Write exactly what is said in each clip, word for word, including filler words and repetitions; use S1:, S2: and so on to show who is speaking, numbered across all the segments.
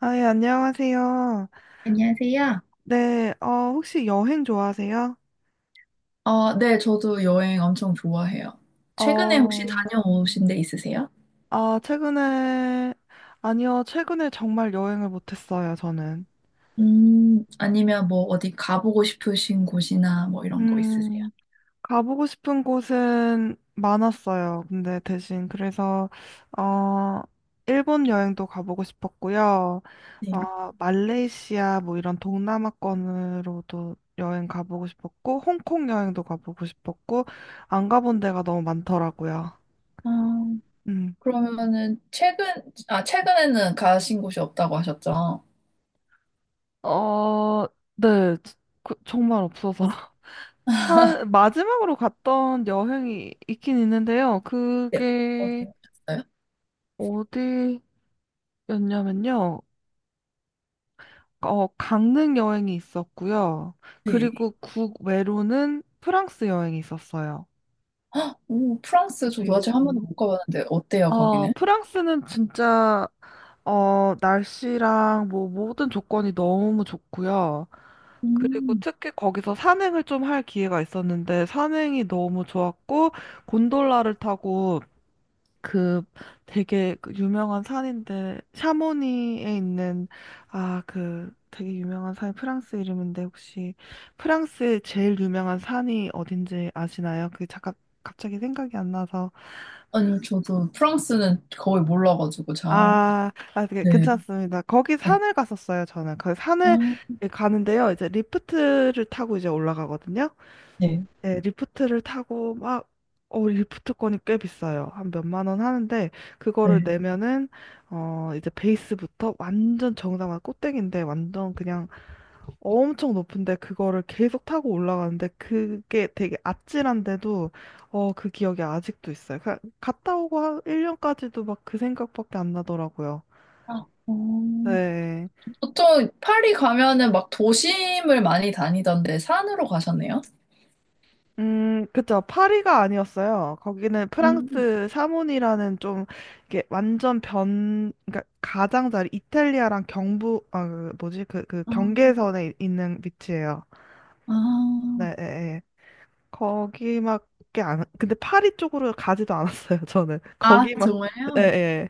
S1: 아, 예, 안녕하세요.
S2: 안녕하세요.
S1: 네, 어, 혹시 여행 좋아하세요?
S2: 아, 네, 저도 여행 엄청 좋아해요. 최근에 혹시
S1: 어,
S2: 다녀오신 데 있으세요?
S1: 아, 최근에, 아니요, 최근에 정말 여행을 못했어요, 저는.
S2: 음, 아니면 뭐 어디 가보고 싶으신 곳이나 뭐 이런 거 있으세요?
S1: 음, 가보고 싶은 곳은 많았어요. 근데 대신, 그래서, 어, 일본 여행도 가보고 싶었고요.
S2: 네.
S1: 어, 말레이시아, 뭐 이런 동남아권으로도 여행 가보고 싶었고, 홍콩 여행도 가보고 싶었고, 안 가본 데가 너무 많더라고요.
S2: 아,
S1: 음.
S2: 그러면은 최근, 아, 최근에는 가신 곳이 없다고 하셨죠?
S1: 어, 네. 그- 정말 없어서. 한, 마지막으로 갔던 여행이 있긴 있는데요.
S2: 네. 어디
S1: 그게
S2: 가셨어요?
S1: 어디였냐면요. 어, 강릉 여행이 있었고요.
S2: 네.
S1: 그리고 국외로는 프랑스 여행이 있었어요.
S2: 헉, 오, 프랑스 저도
S1: 네.
S2: 아직 한 번도 못 가봤는데 어때요,
S1: 어,
S2: 거기는?
S1: 프랑스는 진짜 어, 날씨랑 뭐 모든 조건이 너무 좋고요. 그리고
S2: 음,
S1: 특히 거기서 산행을 좀 할 기회가 있었는데 산행이 너무 좋았고 곤돌라를 타고 그 되게 그 유명한 산인데 샤모니에 있는, 아, 그 되게 유명한 산이 프랑스 이름인데 혹시 프랑스의 제일 유명한 산이 어딘지 아시나요? 그게 잠깐 갑자기 생각이 안 나서.
S2: 아니, 저도 프랑스는 거의 몰라가지고 잘.
S1: 아, 아, 네,
S2: 네.
S1: 괜찮습니다. 거기
S2: 네.
S1: 산을 갔었어요, 저는. 그
S2: 아,
S1: 산을 가는데요. 이제 리프트를 타고 이제 올라가거든요.
S2: 네.
S1: 네, 리프트를 타고 막, 어, 리프트권이 꽤 비싸요. 한 몇만 원 하는데, 그거를
S2: 네.
S1: 내면은, 어, 이제 베이스부터 완전 정상화 꼭대기인데, 완전 그냥 엄청 높은데, 그거를 계속 타고 올라가는데, 그게 되게 아찔한데도, 어, 그 기억이 아직도 있어요. 그- 갔다 오고 한 일 년까지도 막 그 생각밖에 안 나더라고요.
S2: 아, 음.
S1: 네.
S2: 보통 파리 가면은 막 도심을 많이 다니던데 산으로 가셨네요?
S1: 음, 그쵸. 파리가 아니었어요. 거기는
S2: 음,
S1: 프랑스 사문이라는 좀, 이게 완전 변, 그러니까 가장자리, 이탈리아랑 경부, 아, 그 뭐지, 그, 그
S2: 아,
S1: 경계선에 이- 있는 위치예요.
S2: 아,
S1: 네, 예, 예. 거기밖에 안, 근데 파리 쪽으로 가지도 않았어요, 저는.
S2: 아,
S1: 거기만, 예,
S2: 정말요?
S1: 예.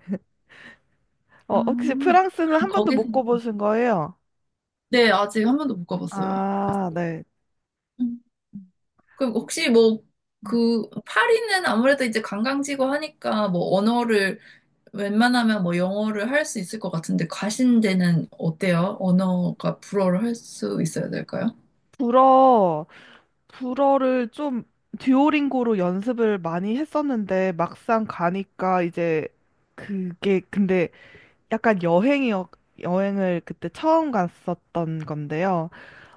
S2: 아,
S1: 어, 혹시 프랑스는
S2: 그럼
S1: 한 번도
S2: 거기서,
S1: 못 가보신 거예요?
S2: 네, 아직 한 번도 못 가봤어요.
S1: 아, 네.
S2: 음. 그럼 혹시 뭐, 그, 파리는 아무래도 이제 관광지고 하니까 뭐 언어를, 웬만하면 뭐 영어를 할 수 있을 것 같은데 가신 데는 어때요? 언어가 불어를 할 수 있어야 될까요?
S1: 불어. 불어를 좀 듀오링고로 연습을 많이 했었는데 막상 가니까 이제 그게 근데 약간 여행이었 여행을 그때 처음 갔었던 건데요.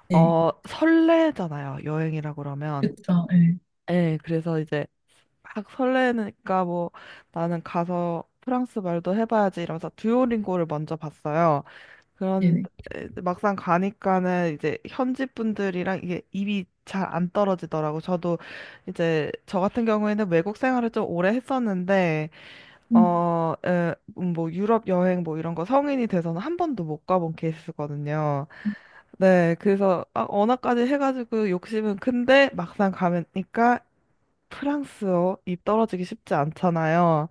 S2: 네,
S1: 어, 설레잖아요. 여행이라 그러면.
S2: 그쵸, 네,
S1: 예, 그래서 이제 막 설레니까 뭐 나는 가서 프랑스 말도 해봐야지 이러면서 듀오링고를 먼저 봤어요. 그런
S2: 네네.
S1: 에, 막상 가니까는 이제 현지 분들이랑 이게 입이 잘 안 떨어지더라고. 저도 이제 저 같은 경우에는 외국 생활을 좀 오래 했었는데 어, 에, 음, 뭐 유럽 여행 뭐 이런 거 성인이 돼서는 한 번도 못 가본 케이스거든요. 네, 그래서 아, 언어까지 해가지고 욕심은 큰데 막상 가니까 프랑스어 입 떨어지기 쉽지 않잖아요.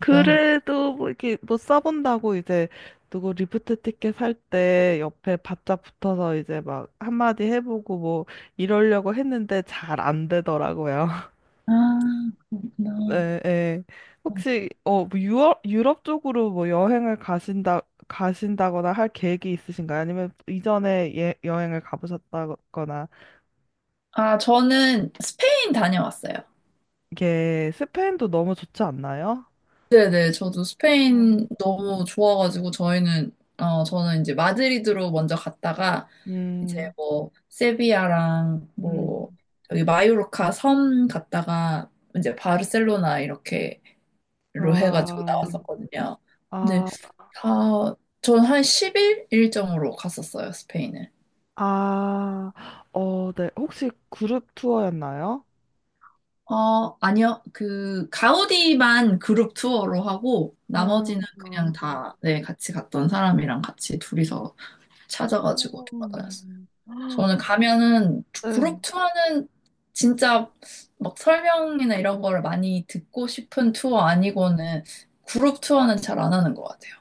S1: 그래도 뭐 이렇게 뭐 써본다고 이제 누구 리프트 티켓 살 때 옆에 바짝 붙어서 이제 막 한마디 해보고 뭐 이러려고 했는데 잘 안 되더라고요.
S2: 아, 그렇구나.
S1: 네, 네.
S2: 어.
S1: 혹시 어뭐 유럽 유럽 쪽으로 뭐 여행을 가신다 가신다거나 할 계획이 있으신가요? 아니면 이전에 예, 여행을 가보셨다거나.
S2: 아, 저는 스페인 다녀왔어요.
S1: 이게 스페인도 너무 좋지 않나요?
S2: 네네, 저도
S1: 음.
S2: 스페인 너무 좋아가지고 저희는 어 저는 이제 마드리드로 먼저 갔다가 이제
S1: 음,
S2: 뭐 세비야랑
S1: 음,
S2: 뭐 여기 마요르카 섬 갔다가 이제 바르셀로나 이렇게로 해가지고
S1: 아,
S2: 나왔었거든요. 근데
S1: 아.
S2: 다 전 한 십 일 일정으로 갔었어요, 스페인은.
S1: 아, 어, 네. 혹시 그룹 투어였나요?
S2: 어, 아니요. 그, 가우디만 그룹 투어로 하고,
S1: 어,
S2: 나머지는 그냥
S1: 어.
S2: 다, 네, 같이 갔던 사람이랑 같이 둘이서 찾아가지고 돌아다녔어요.
S1: 음.
S2: 저는 가면은, 그룹
S1: 네.
S2: 투어는 진짜 막 설명이나 이런 거를 많이 듣고 싶은 투어 아니고는, 그룹 투어는 잘 안 하는 것 같아요.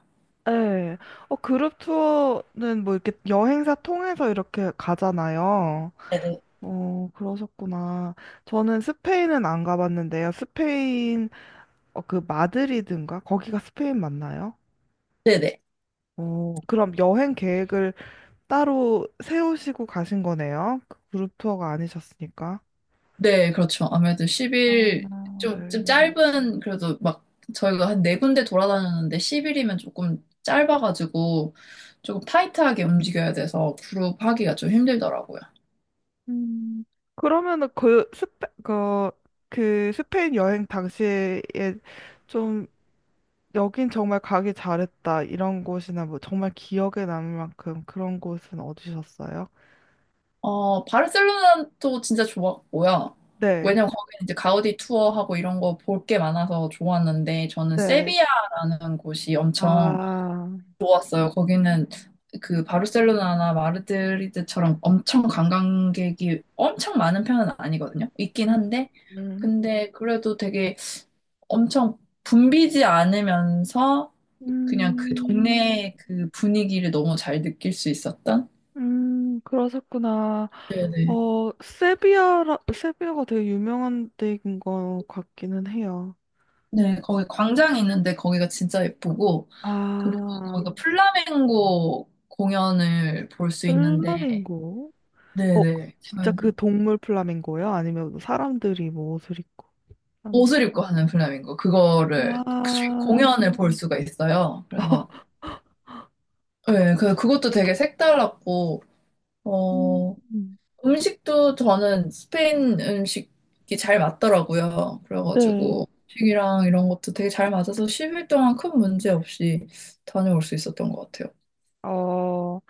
S1: 네. 어, 그룹 투어는 뭐 이렇게 여행사 통해서 이렇게 가잖아요.
S2: 네네.
S1: 어, 그러셨구나. 저는 스페인은 안 가봤는데요. 스페인, 어, 그 마드리드인가? 거기가 스페인 맞나요?
S2: 네네.
S1: 어, 그럼 여행 계획을 따로 세우시고 가신 거네요? 그 그룹 투어가 아니셨으니까.
S2: 네, 그렇죠. 아무래도 십 일
S1: 어, 네.
S2: 좀, 좀 짧은 그래도 막 저희가 한 네 군데 돌아다녔는데 십 일이면 조금 짧아가지고 조금 타이트하게 움직여야 돼서 그룹 하기가 좀 힘들더라고요.
S1: 음, 그러면은 그 스페, 그, 그 스페인 여행 당시에 좀 여긴 정말 가기 잘했다 이런 곳이나 뭐 정말 기억에 남을 만큼 그런 곳은 어디셨어요?
S2: 어, 바르셀로나도 진짜 좋았고요.
S1: 네,
S2: 왜냐면 거기는 이제 가우디 투어하고 이런 거 볼 게 많아서 좋았는데 저는
S1: 네.
S2: 세비야라는 곳이 엄청
S1: 아,
S2: 있어요. 거기는 그 바르셀로나나 마드리드처럼 엄청 관광객이 엄청 많은 편은 아니거든요. 있긴
S1: 음,
S2: 한데,
S1: 음.
S2: 근데 그래도 되게 엄청 붐비지 않으면서 그냥 그
S1: 음,
S2: 동네의 그 분위기를 너무 잘 느낄 수 있었던?
S1: 음, 그러셨구나.
S2: 네네.
S1: 어, 세비야라, 세비야가 되게 유명한 데인 것 같기는 해요.
S2: 네, 거기 광장이 있는데 거기가 진짜 예쁘고, 그리고
S1: 아,
S2: 거기가 플라멩고 공연을 볼 수 있는데,
S1: 플라밍고. 어,
S2: 네네.
S1: 진짜 그 동물 플라밍고요? 아니면 뭐 사람들이 뭐 옷을 입고 하는.
S2: 옷을 입고 하는 플라밍고 그거를 그
S1: 아,
S2: 공연을 볼 수가 있어요. 그래서 네, 그 그것도 되게 색달랐고 어
S1: 음,
S2: 음식도 저는 스페인 음식이 잘 맞더라고요.
S1: 네.
S2: 그래가지고 음식이랑 이런 것도 되게 잘 맞아서 십 일 동안 큰 문제 없이 다녀올 수 있었던 것 같아요.
S1: 어,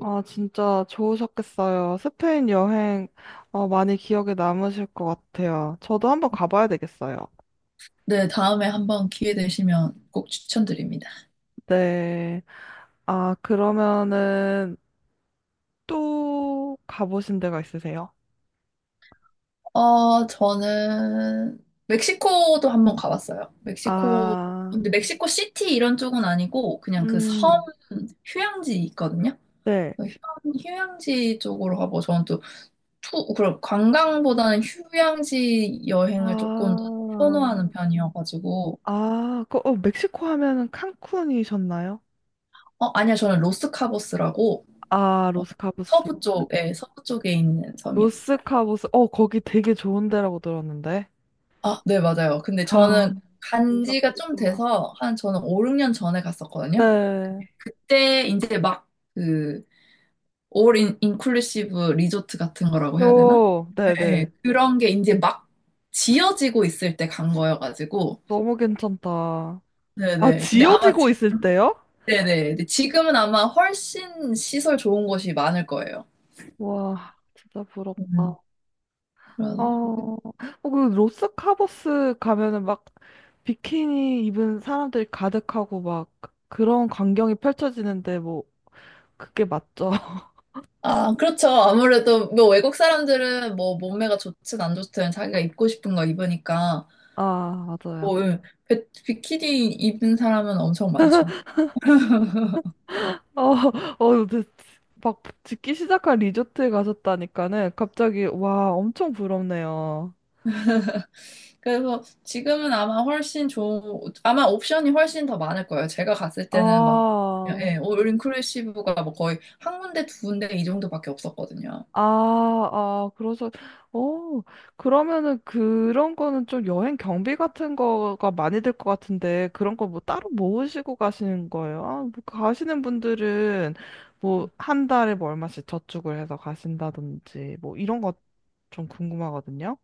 S1: 아, 진짜 좋으셨겠어요. 스페인 여행, 어, 많이 기억에 남으실 것 같아요. 저도 한번 가봐야 되겠어요.
S2: 네, 다음에 한번 기회 되시면 꼭 추천드립니다.
S1: 네. 아, 그러면은 또 가보신 데가 있으세요?
S2: 어, 저는 멕시코도 한번 가봤어요. 멕시코,
S1: 아,
S2: 근데 멕시코 시티 이런 쪽은 아니고 그냥 그 섬
S1: 음,
S2: 휴양지 있거든요.
S1: 네.
S2: 그 휴양, 휴양지 쪽으로 가고 저는 또 투, 그럼 관광보다는 휴양지 여행을 조금 더
S1: 아,
S2: 선호하는 편이어가지고
S1: 아, 그, 어, 멕시코 하면은 칸쿤이셨나요?
S2: 어, 아니요, 저는 로스카보스라고
S1: 아,
S2: 어,
S1: 로스카보스.
S2: 서부 쪽에, 서부 쪽에 있는 섬이었어요.
S1: 로스카보스. 어, 거기 되게 좋은 데라고 들었는데.
S2: 아, 네, 맞아요. 근데
S1: 아,
S2: 저는 간 지가 좀
S1: 무섭겠다.
S2: 돼서 한 저는 오륙, 육 년 전에 갔었거든요.
S1: 네.
S2: 그때 이제 막그올 인클루시브 리조트 같은 거라고 해야 되나?
S1: 오,
S2: 네,
S1: 네네.
S2: 그런 게 이제 막 지어지고 있을 때 간 거여가지고
S1: 너무 괜찮다. 아,
S2: 네네. 근데 아마 지-
S1: 지어지고 있을 때요?
S2: 네네. 근데 지금은 아마 훨씬 시설 좋은 곳이 많을 거예요.
S1: 와, 진짜
S2: 음,
S1: 부럽다. 어,
S2: 그래서
S1: 어, 그 로스카보스 가면은 막 비키니 입은 사람들이 가득하고 막 그런 광경이 펼쳐지는데 뭐 그게 맞죠?
S2: 아, 그렇죠. 아무래도 뭐 외국 사람들은 뭐 몸매가 좋든 안 좋든 자기가 입고 싶은 거 입으니까
S1: 아, 맞아요.
S2: 뭐 예, 비- 비키니 입은 사람은 엄청 많죠.
S1: 어, 어, 근데 막 짓기 시작한 리조트에 가셨다니까는 갑자기 와, 엄청 부럽네요.
S2: 그래서 지금은 아마 훨씬 좋은, 아마 옵션이 훨씬 더 많을 거예요. 제가 갔을 때는 막,
S1: 아,
S2: 예, 올 인클루시브가 뭐 거의 한 군데, 두 군데 이 정도밖에 없었거든요.
S1: 아, 아, 그래서, 어, 그러면은 그런 거는 좀 여행 경비 같은 거가 많이 들 것 같은데 그런 거 뭐 따로 모으시고 가시는 거예요? 아, 뭐 가시는 분들은 뭐 한 달에 뭐 얼마씩 저축을 해서 가신다든지 뭐 이런 거 좀 궁금하거든요.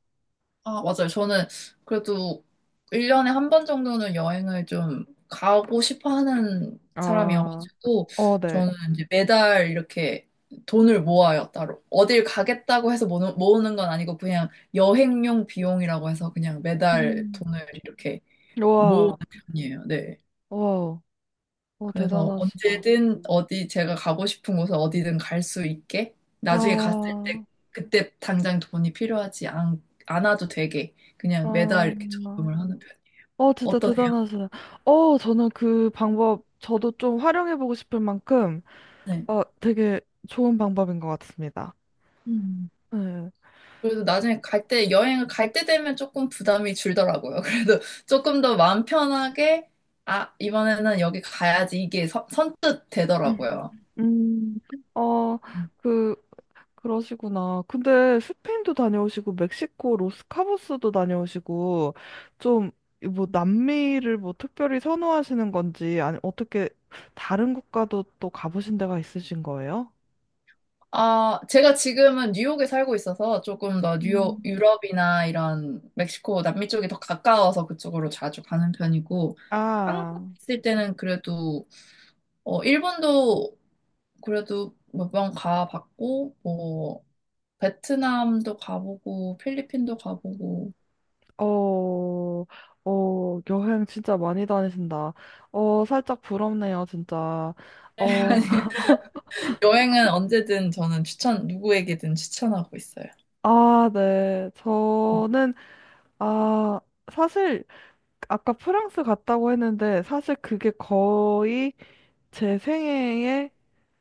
S2: 아, 맞아요. 저는 그래도 일 년에 한 번 정도는 여행을 좀 가고 싶어 하는
S1: 아,
S2: 사람이어가지고,
S1: 어, 네.
S2: 저는 이제 매달 이렇게 돈을 모아요, 따로. 어딜 가겠다고 해서 모으- 모으는 건 아니고, 그냥 여행용 비용이라고 해서 그냥 매달
S1: 음.
S2: 돈을 이렇게 모으는
S1: 와.
S2: 편이에요. 네.
S1: 와, 어,
S2: 그래서
S1: 대단하시다.
S2: 언제든 어디 제가 가고 싶은 곳에 어디든 갈 수 있게 나중에 갔을
S1: 아,
S2: 때 그때 당장 돈이 필요하지 않, 않아도 되게
S1: 아,
S2: 그냥 매달 이렇게
S1: 아,
S2: 저금을 하는 편이에요.
S1: 어, 진짜
S2: 어떠세요?
S1: 대단하시다. 어, 저는 그 방법, 저도 좀 활용해보고 싶을 만큼,
S2: 네.
S1: 어, 되게 좋은 방법인 것 같습니다.
S2: 음.
S1: 네.
S2: 그래도 나중에 갈 때, 여행을 갈 때 되면 조금 부담이 줄더라고요. 그래도 조금 더 마음 편하게, 아, 이번에는 여기 가야지. 이게 선, 선뜻
S1: 음,
S2: 되더라고요.
S1: 음, 어, 그, 그러시구나. 근데 스페인도 다녀오시고, 멕시코, 로스카보스도 다녀오시고, 좀, 뭐, 남미를 뭐, 특별히 선호하시는 건지, 아니, 어떻게, 다른 국가도 또 가보신 데가 있으신 거예요?
S2: 아, 제가 지금은 뉴욕에 살고 있어서 조금 더 뉴욕,
S1: 음.
S2: 유럽이나 이런 멕시코, 남미 쪽이 더 가까워서 그쪽으로 자주 가는 편이고, 한국에
S1: 아,
S2: 있을 때는 그래도, 어, 일본도 그래도 몇 번 가봤고, 뭐, 베트남도 가보고, 필리핀도 가보고,
S1: 어, 어, 여행 진짜 많이 다니신다. 어, 살짝 부럽네요, 진짜. 어,
S2: 아니, 여행은 언제든 저는 추천, 누구에게든 추천하고 있어요.
S1: 아, 네. 저는, 아, 사실, 아까 프랑스 갔다고 했는데, 사실 그게 거의 제 생애의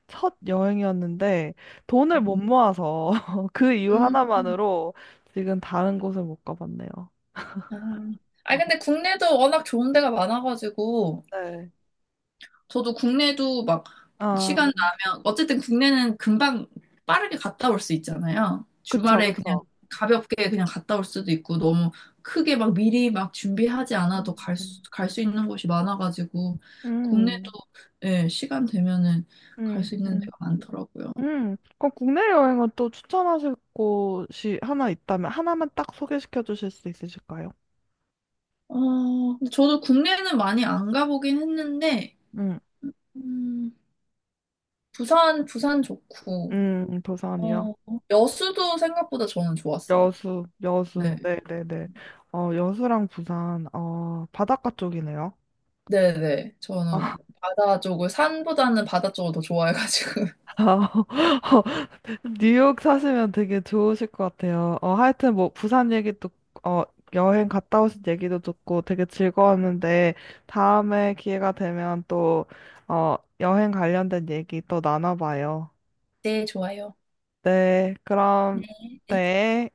S1: 첫 여행이었는데, 돈을 못 모아서 그 이유
S2: 음,
S1: 하나만으로 지금 다른 곳을 못 가봤네요.
S2: 아, 아니, 근데 국내도 워낙 좋은 데가 많아가지고,
S1: 네.
S2: 저도 국내도 막
S1: 아,
S2: 시간 나면 어쨌든 국내는 금방 빠르게 갔다 올 수 있잖아요.
S1: 그쵸,
S2: 주말에 그냥
S1: 그쵸.
S2: 가볍게 그냥 갔다 올 수도 있고 너무 크게 막 미리 막 준비하지 않아도 갈 수, 갈 수 있는 곳이 많아가지고 국내도
S1: 음.
S2: 예, 시간 되면은 갈
S1: 음,
S2: 수 있는
S1: 음,
S2: 데가 많더라고요.
S1: 음. 그 국내 여행은 또 추천하실 곳이 하나 있다면 하나만 딱 소개시켜 주실 수 있으실까요?
S2: 어, 근데 저도 국내는 많이 안 가보긴 했는데
S1: 음,
S2: 음, 부산 부산 좋고
S1: 음, 부산이요.
S2: 어, 여수도 생각보다 저는 좋았어요.
S1: 여수,
S2: 네.
S1: 여수. 네, 네, 네. 어, 여수랑 부산, 어, 바닷가 쪽이네요.
S2: 네네. 저는
S1: 아,
S2: 바다 쪽을, 산보다는 바다 쪽을 더 좋아해가지고.
S1: 뉴욕 사시면 되게 좋으실 것 같아요. 어, 하여튼 뭐 부산 얘기도 어, 여행 갔다 오신 얘기도 듣고 되게 즐거웠는데 다음에 기회가 되면 또 어, 여행 관련된 얘기 또 나눠봐요.
S2: 네, 좋아요.
S1: 네, 그럼 네.